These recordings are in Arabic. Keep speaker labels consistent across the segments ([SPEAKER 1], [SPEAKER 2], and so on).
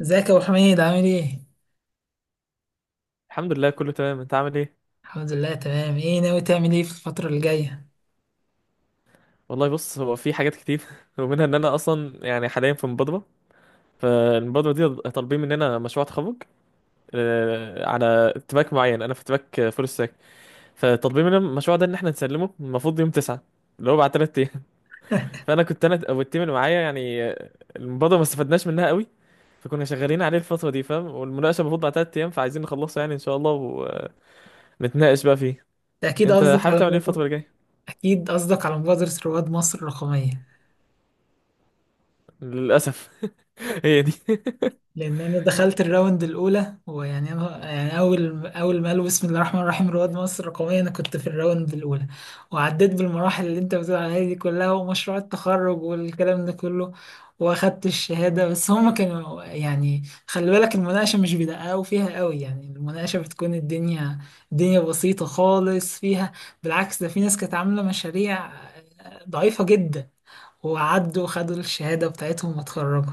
[SPEAKER 1] ازيك يا ابو حميد؟ عامل ايه؟
[SPEAKER 2] الحمد لله كله تمام. انت عامل ايه؟
[SPEAKER 1] الحمد لله تمام. ايه ناوي تعمل ايه في الفترة اللي جاية؟
[SPEAKER 2] والله بص، هو في حاجات كتير. ومنها ان انا اصلا يعني حاليا في مبادره. فالمبادره دي طالبين مننا مشروع تخرج، على تراك معين. انا في تراك فول ستاك. فطالبين مننا المشروع ده ان احنا نسلمه المفروض يوم 9، اللي هو بعد 3 ايام. فانا كنت انا والتيم اللي معايا يعني، المبادره ما استفدناش منها قوي. فكنا شغالين عليه الفتره دي، فاهم؟ والمناقشه المفروض بعد 3 ايام، فعايزين نخلصه يعني ان شاء الله ونتناقش بقى فيه.
[SPEAKER 1] ده اكيد
[SPEAKER 2] انت
[SPEAKER 1] قصدك
[SPEAKER 2] حابب
[SPEAKER 1] على
[SPEAKER 2] تعمل ايه الفتره
[SPEAKER 1] مبادرة.
[SPEAKER 2] اللي جايه؟
[SPEAKER 1] اكيد قصدك على مبادرة رواد مصر الرقمية.
[SPEAKER 2] للاسف، هي دي.
[SPEAKER 1] لان انا دخلت الراوند الاولى. أنا اول ما قالوا بسم الله الرحمن الرحيم رواد مصر الرقميه، انا كنت في الراوند الاولى، وعديت بالمراحل اللي انت بتقول عليها دي كلها، ومشروع التخرج والكلام ده كله، واخدت الشهاده. بس هم كانوا يعني خلي بالك المناقشه مش بيدققوا فيها قوي، يعني المناقشه بتكون الدنيا الدنيا بسيطه خالص فيها. بالعكس، ده في ناس كانت عامله مشاريع ضعيفه جدا وعدوا وخدوا الشهاده بتاعتهم واتخرجوا.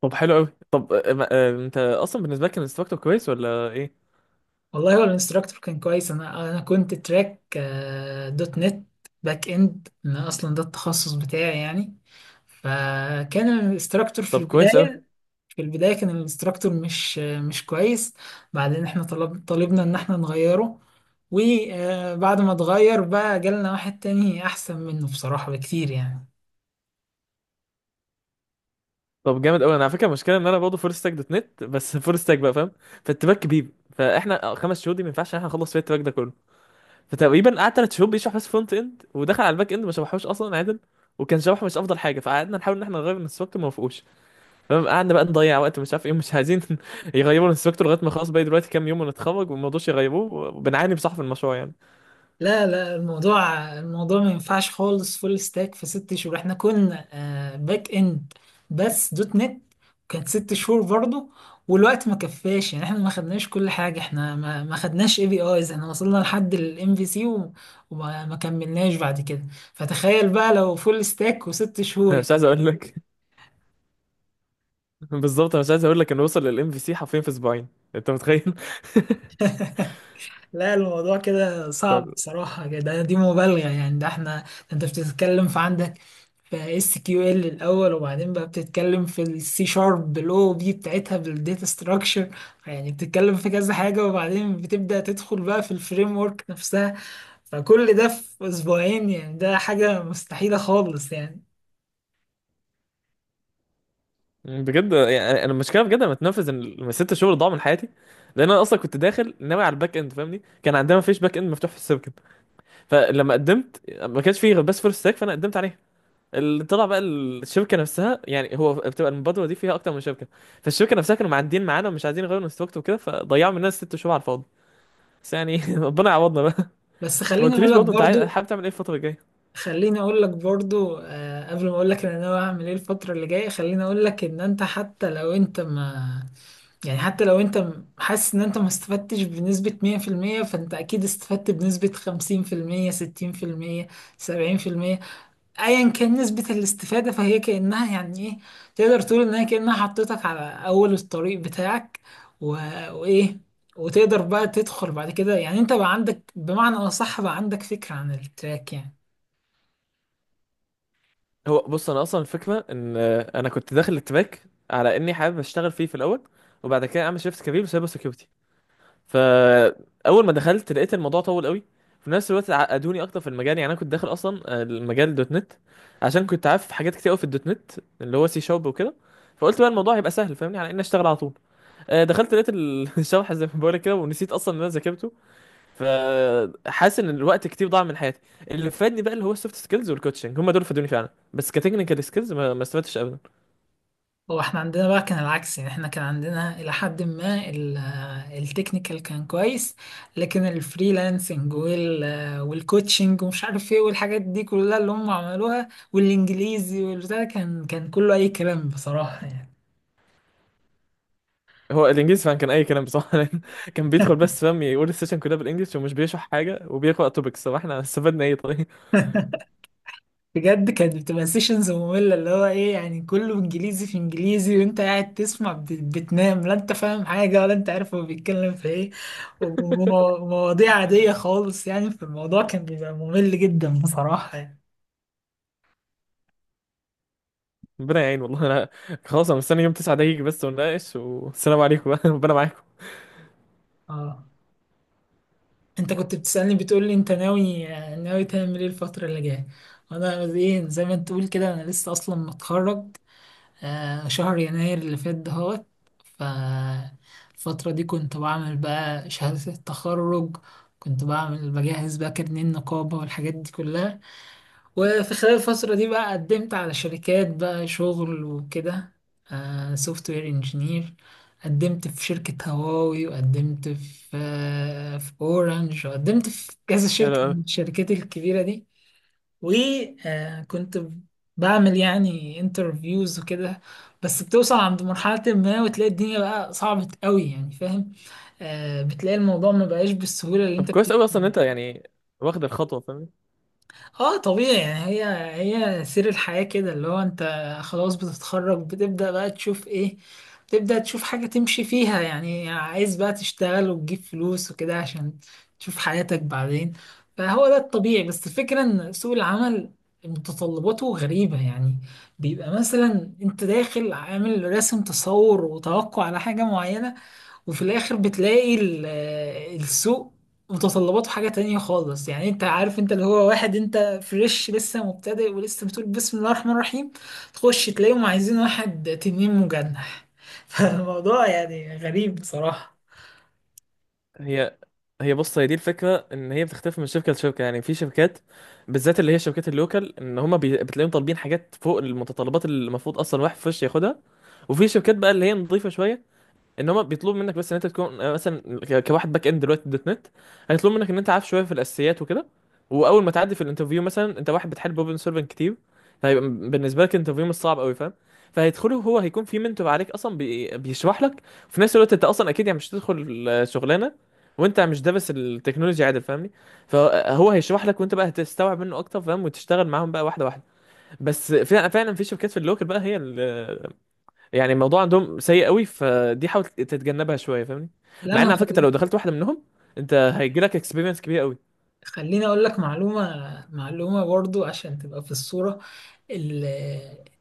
[SPEAKER 2] طب حلو قوي. طب انت اصلا بالنسبه لك كان الانستراكتور كويس ولا ايه؟
[SPEAKER 1] والله هو الانستراكتور كان كويس. انا كنت تراك دوت نت باك اند. انا اصلا ده التخصص بتاعي يعني. فكان الانستراكتور في
[SPEAKER 2] طب كويس قوي.
[SPEAKER 1] البدايه، في البدايه كان الانستراكتور مش كويس. بعدين احنا طلبنا ان احنا نغيره، وبعد ما اتغير بقى جالنا واحد تاني احسن منه بصراحه بكتير يعني.
[SPEAKER 2] طب جامد قوي. انا على فكره المشكله ان انا برضه فول ستاك دوت نت بس، فول ستاك بقى فاهم؟ فالتراك كبير. فاحنا خمس شهور دي ما ينفعش ان احنا نخلص فيها التراك ده كله. فتقريبا قعد ثلاث شهور بيشرح بس فرونت اند، ودخل على الباك اند ما شرحوش اصلا عادل. وكان شرحه مش افضل حاجه، فقعدنا نحاول ان احنا نغير الانستراكتور ما وافقوش. فاهم؟ قعدنا بقى نضيع وقت، مش عارف ايه، مش عايزين يغيروا الانستراكتور لغايه ما خلاص باقي دلوقتي كام يوم ونتخرج، وما رضوش يغيروه وبنعاني بصح في المشروع يعني.
[SPEAKER 1] لا لا، الموضوع الموضوع ما ينفعش خالص فول ستاك في ست شهور. احنا كنا باك اند بس دوت نت، كانت ست شهور برضو، والوقت ما كفاش يعني. احنا ما خدناش كل حاجة، احنا ما خدناش اي بي ايز. احنا وصلنا لحد الام في سي وما ما كملناش بعد كده. فتخيل بقى لو فول ستاك وست شهور.
[SPEAKER 2] مش عايز اقول لك. بالظبط انا مش عايز اقول لك انه وصل للام في سي حرفيا في اسبوعين. انت متخيل؟
[SPEAKER 1] لا، الموضوع كده صعب
[SPEAKER 2] ف-
[SPEAKER 1] بصراحة، ده دي مبالغة يعني. ده احنا ده انت بتتكلم في عندك في اس كيو ال الأول، وبعدين بقى بتتكلم في السي شارب بالاو بي بتاعتها بالداتا ستراكشر، يعني بتتكلم في كذا حاجة، وبعدين بتبدأ تدخل بقى في الفريم ورك نفسها. فكل ده في أسبوعين؟ يعني ده حاجة مستحيلة خالص يعني.
[SPEAKER 2] بجد يعني انا المشكله، بجد انا متنفذ ان الست شهور ضاعوا من حياتي. لان انا اصلا كنت داخل ناوي على الباك اند، فاهمني؟ كان عندنا مفيش باك اند مفتوح في السيركت. فلما قدمت، ما كانش فيه غير بس فول ستاك، فانا قدمت عليها. اللي طلع بقى، الشركه نفسها، يعني هو بتبقى المبادره دي فيها اكتر من شركه. فالشركه نفسها كانوا معدين معانا ومش عايزين يغيروا الانستراكتور وكده، فضيعوا مننا ست شهور على الفاضي. بس يعني ربنا يعوضنا بقى.
[SPEAKER 1] بس
[SPEAKER 2] ما
[SPEAKER 1] خليني أقول
[SPEAKER 2] قلتليش
[SPEAKER 1] لك
[SPEAKER 2] برضه، انت
[SPEAKER 1] برضو،
[SPEAKER 2] عايز حابب تعمل ايه الفتره الجايه؟
[SPEAKER 1] خليني اقول لك برضو، آه، قبل ما اقول لك انا ناوي اعمل ايه الفتره اللي جايه، خليني اقول لك ان انت حتى لو انت ما يعني حتى لو حاسس ان انت ما استفدتش بنسبة 100%، فانت اكيد استفدت بنسبة 50%، 60%، 70%. ايا كان نسبة الاستفادة، فهي كأنها يعني ايه، تقدر تقول انها كأنها حطيتك على اول الطريق بتاعك و... وايه، وتقدر بقى تدخل بعد كده. يعني انت بقى عندك، بمعنى اصح بقى عندك فكرة عن التراك يعني.
[SPEAKER 2] هو بص، انا اصلا الفكره ان انا كنت داخل التراك على اني حابب اشتغل فيه في الاول، وبعد كده اعمل شيفت كبير بسايبر سيكيورتي. فاول ما دخلت لقيت الموضوع طول قوي. في نفس الوقت عقدوني اكتر في المجال. يعني انا كنت داخل اصلا المجال دوت نت، عشان كنت عارف حاجات كتير قوي في الدوت نت، اللي هو سي شارب وكده. فقلت بقى الموضوع هيبقى سهل، فاهمني؟ على اني اشتغل على طول. دخلت لقيت الشرح زي ما بقولك كده، ونسيت اصلا ان انا ذاكرته. فحاسس ان الوقت كتير ضاع من حياتي. اللي فادني بقى اللي هو السوفت سكيلز والكوتشنج، هم دول فادوني فعلا، بس كتكنيكال سكيلز ما استفدتش ابدا.
[SPEAKER 1] هو احنا عندنا بقى كان العكس يعني. احنا كان عندنا الى حد ما التكنيكال كان كويس، لكن الفريلانسنج والكوتشنج ومش عارف ايه والحاجات دي كلها اللي هم عملوها، والانجليزي والبتاع ده كان كله اي كلام بصراحة يعني.
[SPEAKER 2] هو الانجليزي فعلا كان اي كلام بصراحه. لأن كان بيدخل بس، فاهم؟ يقول السيشن كلها بالانجلش ومش بيشرح حاجه، وبيقرا توبكس. طب احنا استفدنا ايه طيب؟
[SPEAKER 1] بجد كانت بتبقى سيشنز مملة. اللي هو ايه يعني، كله انجليزي في انجليزي، وانت قاعد تسمع بتنام. لا انت فاهم حاجة، ولا انت عارف هو بيتكلم في ايه. ومواضيع عادية خالص يعني في الموضوع، كان بيبقى ممل جدا بصراحة يعني.
[SPEAKER 2] ربنا يعين. والله انا خلاص انا مستني يوم 9 ده يجي بس ونناقش، والسلام عليكم بقى. ربنا معاكم.
[SPEAKER 1] اه، انت كنت بتسألني بتقول لي انت ناوي، ناوي تعمل ايه الفترة اللي جاية. وانا ايه زي ما انت تقول كده، انا لسه اصلا متخرج آه شهر يناير اللي فات دهوت. ف الفترة دي كنت بعمل بقى شهادة التخرج، كنت بعمل بجهز بقى كارنيه النقابة والحاجات دي كلها. وفي خلال الفترة دي بقى قدمت على شركات بقى شغل وكده، سوفت وير انجينير. قدمت في شركة هواوي، وقدمت في في اورنج، وقدمت في كذا
[SPEAKER 2] حلو
[SPEAKER 1] شركة
[SPEAKER 2] قوي.
[SPEAKER 1] من الشركات الكبيرة دي. وكنت بعمل يعني انترفيوز وكده، بس بتوصل عند مرحلة ما وتلاقي الدنيا بقى صعبة قوي يعني. فاهم، بتلاقي الموضوع ما بقاش بالسهولة اللي
[SPEAKER 2] طب
[SPEAKER 1] انت.
[SPEAKER 2] كويس قوي اصلا ان انت يعني واخد الخطوه، فاهم؟
[SPEAKER 1] اه طبيعي يعني. هي هي سير الحياة كده، اللي هو انت خلاص بتتخرج، بتبدأ بقى تشوف ايه، بتبدأ تشوف حاجة تمشي فيها يعني. عايز بقى تشتغل وتجيب فلوس وكده عشان تشوف حياتك بعدين. فهو ده الطبيعي. بس الفكرة ان سوق العمل متطلباته غريبة يعني. بيبقى مثلا انت داخل عامل راسم تصور وتوقع على حاجة معينة، وفي الاخر بتلاقي السوق متطلباته حاجة تانية خالص يعني. انت عارف انت اللي هو واحد انت فريش لسه مبتدئ، ولسه بتقول بسم الله الرحمن الرحيم تخش تلاقيهم عايزين واحد تنين مجنح. فالموضوع يعني غريب بصراحة.
[SPEAKER 2] هي هي بص، هي دي الفكره، ان هي بتختلف من شركه لشركه. يعني في شركات، بالذات اللي هي شركات اللوكال، ان هما بتلاقيهم طالبين حاجات فوق المتطلبات اللي المفروض اصلا واحد فريش ياخدها. وفي شركات بقى اللي هي نظيفه شويه، ان هم بيطلبوا منك بس ان انت تكون مثلا كواحد باك اند دلوقتي دوت نت، هيطلبوا منك ان انت عارف شويه في الاساسيات وكده. واول ما تعدي في الانترفيو، مثلا انت واحد بتحل بروبلم سولفنج كتير، فهيبقى بالنسبه لك الانترفيو مش صعب قوي، فاهم؟ فهيدخله، هو هيكون في منتور عليك اصلا بيشرح لك. وفي نفس الوقت انت اصلا اكيد يعني مش هتدخل شغلانه وانت مش دارس التكنولوجي عادل، فاهمني؟ فهو هيشرح لك وانت بقى هتستوعب منه اكتر، فاهم؟ وتشتغل معاهم بقى واحده واحده. بس فعلا فعلا في شركات في اللوكل بقى، هي يعني الموضوع عندهم سيء قوي، فدي حاول تتجنبها شويه، فاهمني؟
[SPEAKER 1] لا
[SPEAKER 2] مع
[SPEAKER 1] ما
[SPEAKER 2] ان على فكره
[SPEAKER 1] خل-
[SPEAKER 2] لو دخلت واحده منهم، انت هيجي لك اكسبيرينس كبيره قوي.
[SPEAKER 1] خليني اقول لك معلومة، معلومة برضو عشان تبقى في الصورة. ال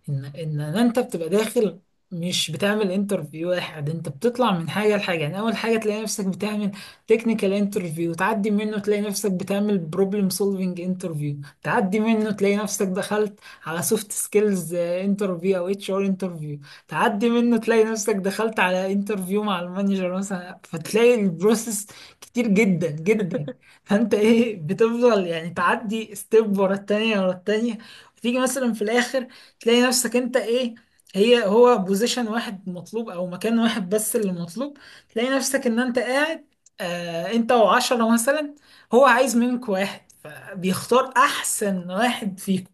[SPEAKER 1] ان ان إن انت بتبقى داخل، مش بتعمل انترفيو واحد. انت بتطلع من حاجه لحاجه يعني. اول حاجه تلاقي نفسك بتعمل تكنيكال انترفيو، تعدي منه تلاقي نفسك بتعمل بروبلم سولفنج انترفيو، تعدي منه تلاقي نفسك دخلت على سوفت سكيلز انترفيو او اتش ار انترفيو، تعدي منه تلاقي نفسك دخلت على انترفيو مع المانجر مثلا. فتلاقي البروسيس كتير جدا. فانت ايه بتفضل يعني تعدي ستيب ورا التانية ورا التانية. تيجي مثلا في الاخر تلاقي نفسك انت ايه، هو بوزيشن واحد مطلوب او مكان واحد بس اللي مطلوب. تلاقي نفسك ان انت قاعد آه انت وعشرة مثلا، هو عايز منك واحد، فبيختار احسن واحد فيكم.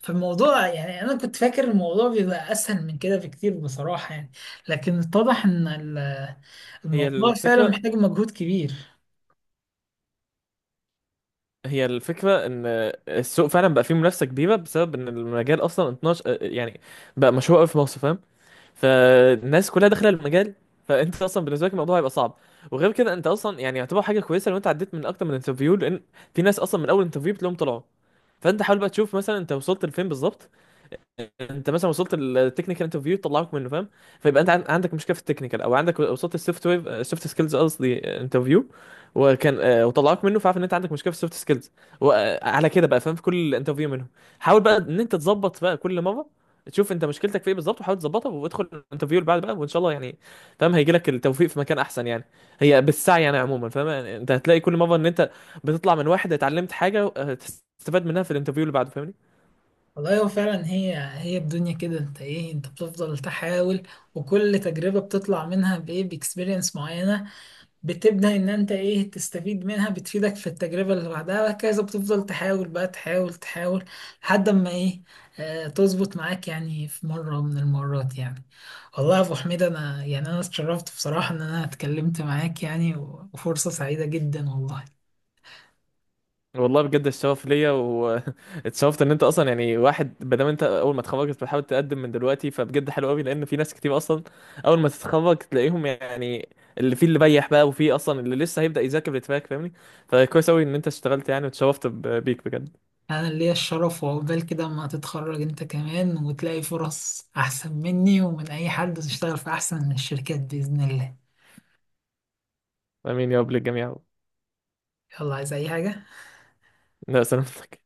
[SPEAKER 1] فالموضوع يعني انا كنت فاكر الموضوع بيبقى اسهل من كده بكتير بصراحة يعني. لكن اتضح ان
[SPEAKER 2] هي
[SPEAKER 1] الموضوع فعلا
[SPEAKER 2] الفكره
[SPEAKER 1] محتاج مجهود كبير.
[SPEAKER 2] هي الفكره ان السوق فعلا بقى فيه منافسه كبيره، بسبب ان المجال اصلا 12 يعني بقى مشهور قوي في مصر، فاهم؟ فالناس كلها داخله المجال. فانت اصلا بالنسبه لك الموضوع هيبقى صعب. وغير كده انت اصلا يعني يعتبر حاجه كويسه لو انت عديت من اكتر من انترفيو، لان في ناس اصلا من اول انترفيو بتلاقيهم طلعوا. فانت حاول بقى تشوف مثلا انت وصلت لفين بالظبط. انت مثلا وصلت التكنيكال انترفيو طلعوك منه، فاهم؟ فيبقى انت عندك مشكله في التكنيكال، او عندك وصلت السوفت وير، السوفت سكيلز قصدي، انترفيو وكان وطلعوك منه، فعارف ان انت عندك مشكله في السوفت سكيلز. وعلى كده بقى، فاهم؟ في كل انترفيو منهم حاول بقى ان انت تظبط بقى، كل مره تشوف انت مشكلتك في ايه بالظبط وحاول تظبطها، وادخل الانترفيو اللي بعد بقى وان شاء الله يعني، فاهم؟ هيجي لك التوفيق في مكان احسن يعني. هي بالسعي يعني عموما، فاهم؟ يعني انت هتلاقي كل مره ان انت بتطلع من واحد اتعلمت حاجه تستفاد منها في الانترفيو اللي بعده، فاهمني؟
[SPEAKER 1] والله هو فعلا هي هي الدنيا كده، انت ايه انت بتفضل تحاول، وكل تجربة بتطلع منها بايه باكسبيرينس معينة. بتبدأ ان انت ايه تستفيد منها، بتفيدك في التجربة اللي بعدها وهكذا. بتفضل تحاول بقى، تحاول تحاول لحد ما ايه، اه تظبط معاك يعني في مرة من المرات يعني. والله يا ابو حميد، انا يعني انا اتشرفت بصراحة ان انا اتكلمت معاك يعني، وفرصة سعيدة جدا والله.
[SPEAKER 2] والله بجد الشغف ليا، واتشرفت ان انت اصلا، يعني واحد ما دام انت اول ما اتخرجت بتحاول تقدم من دلوقتي، فبجد حلو قوي. لان في ناس كتير اصلا اول ما تتخرج تلاقيهم يعني اللي فيه اللي بيح بقى، وفيه اصلا اللي لسه هيبدأ يذاكر للتراك، فاهمني؟ فكويس قوي ان انت اشتغلت يعني، واتشرفت بيك بجد.
[SPEAKER 1] انا ليا الشرف، وعقبال كده اما تتخرج انت كمان، وتلاقي فرص احسن مني ومن اي حد، وتشتغل في احسن من الشركات باذن الله.
[SPEAKER 2] امين يا رب للجميع.
[SPEAKER 1] يلا، عايز اي حاجه؟
[SPEAKER 2] لا سلامتك.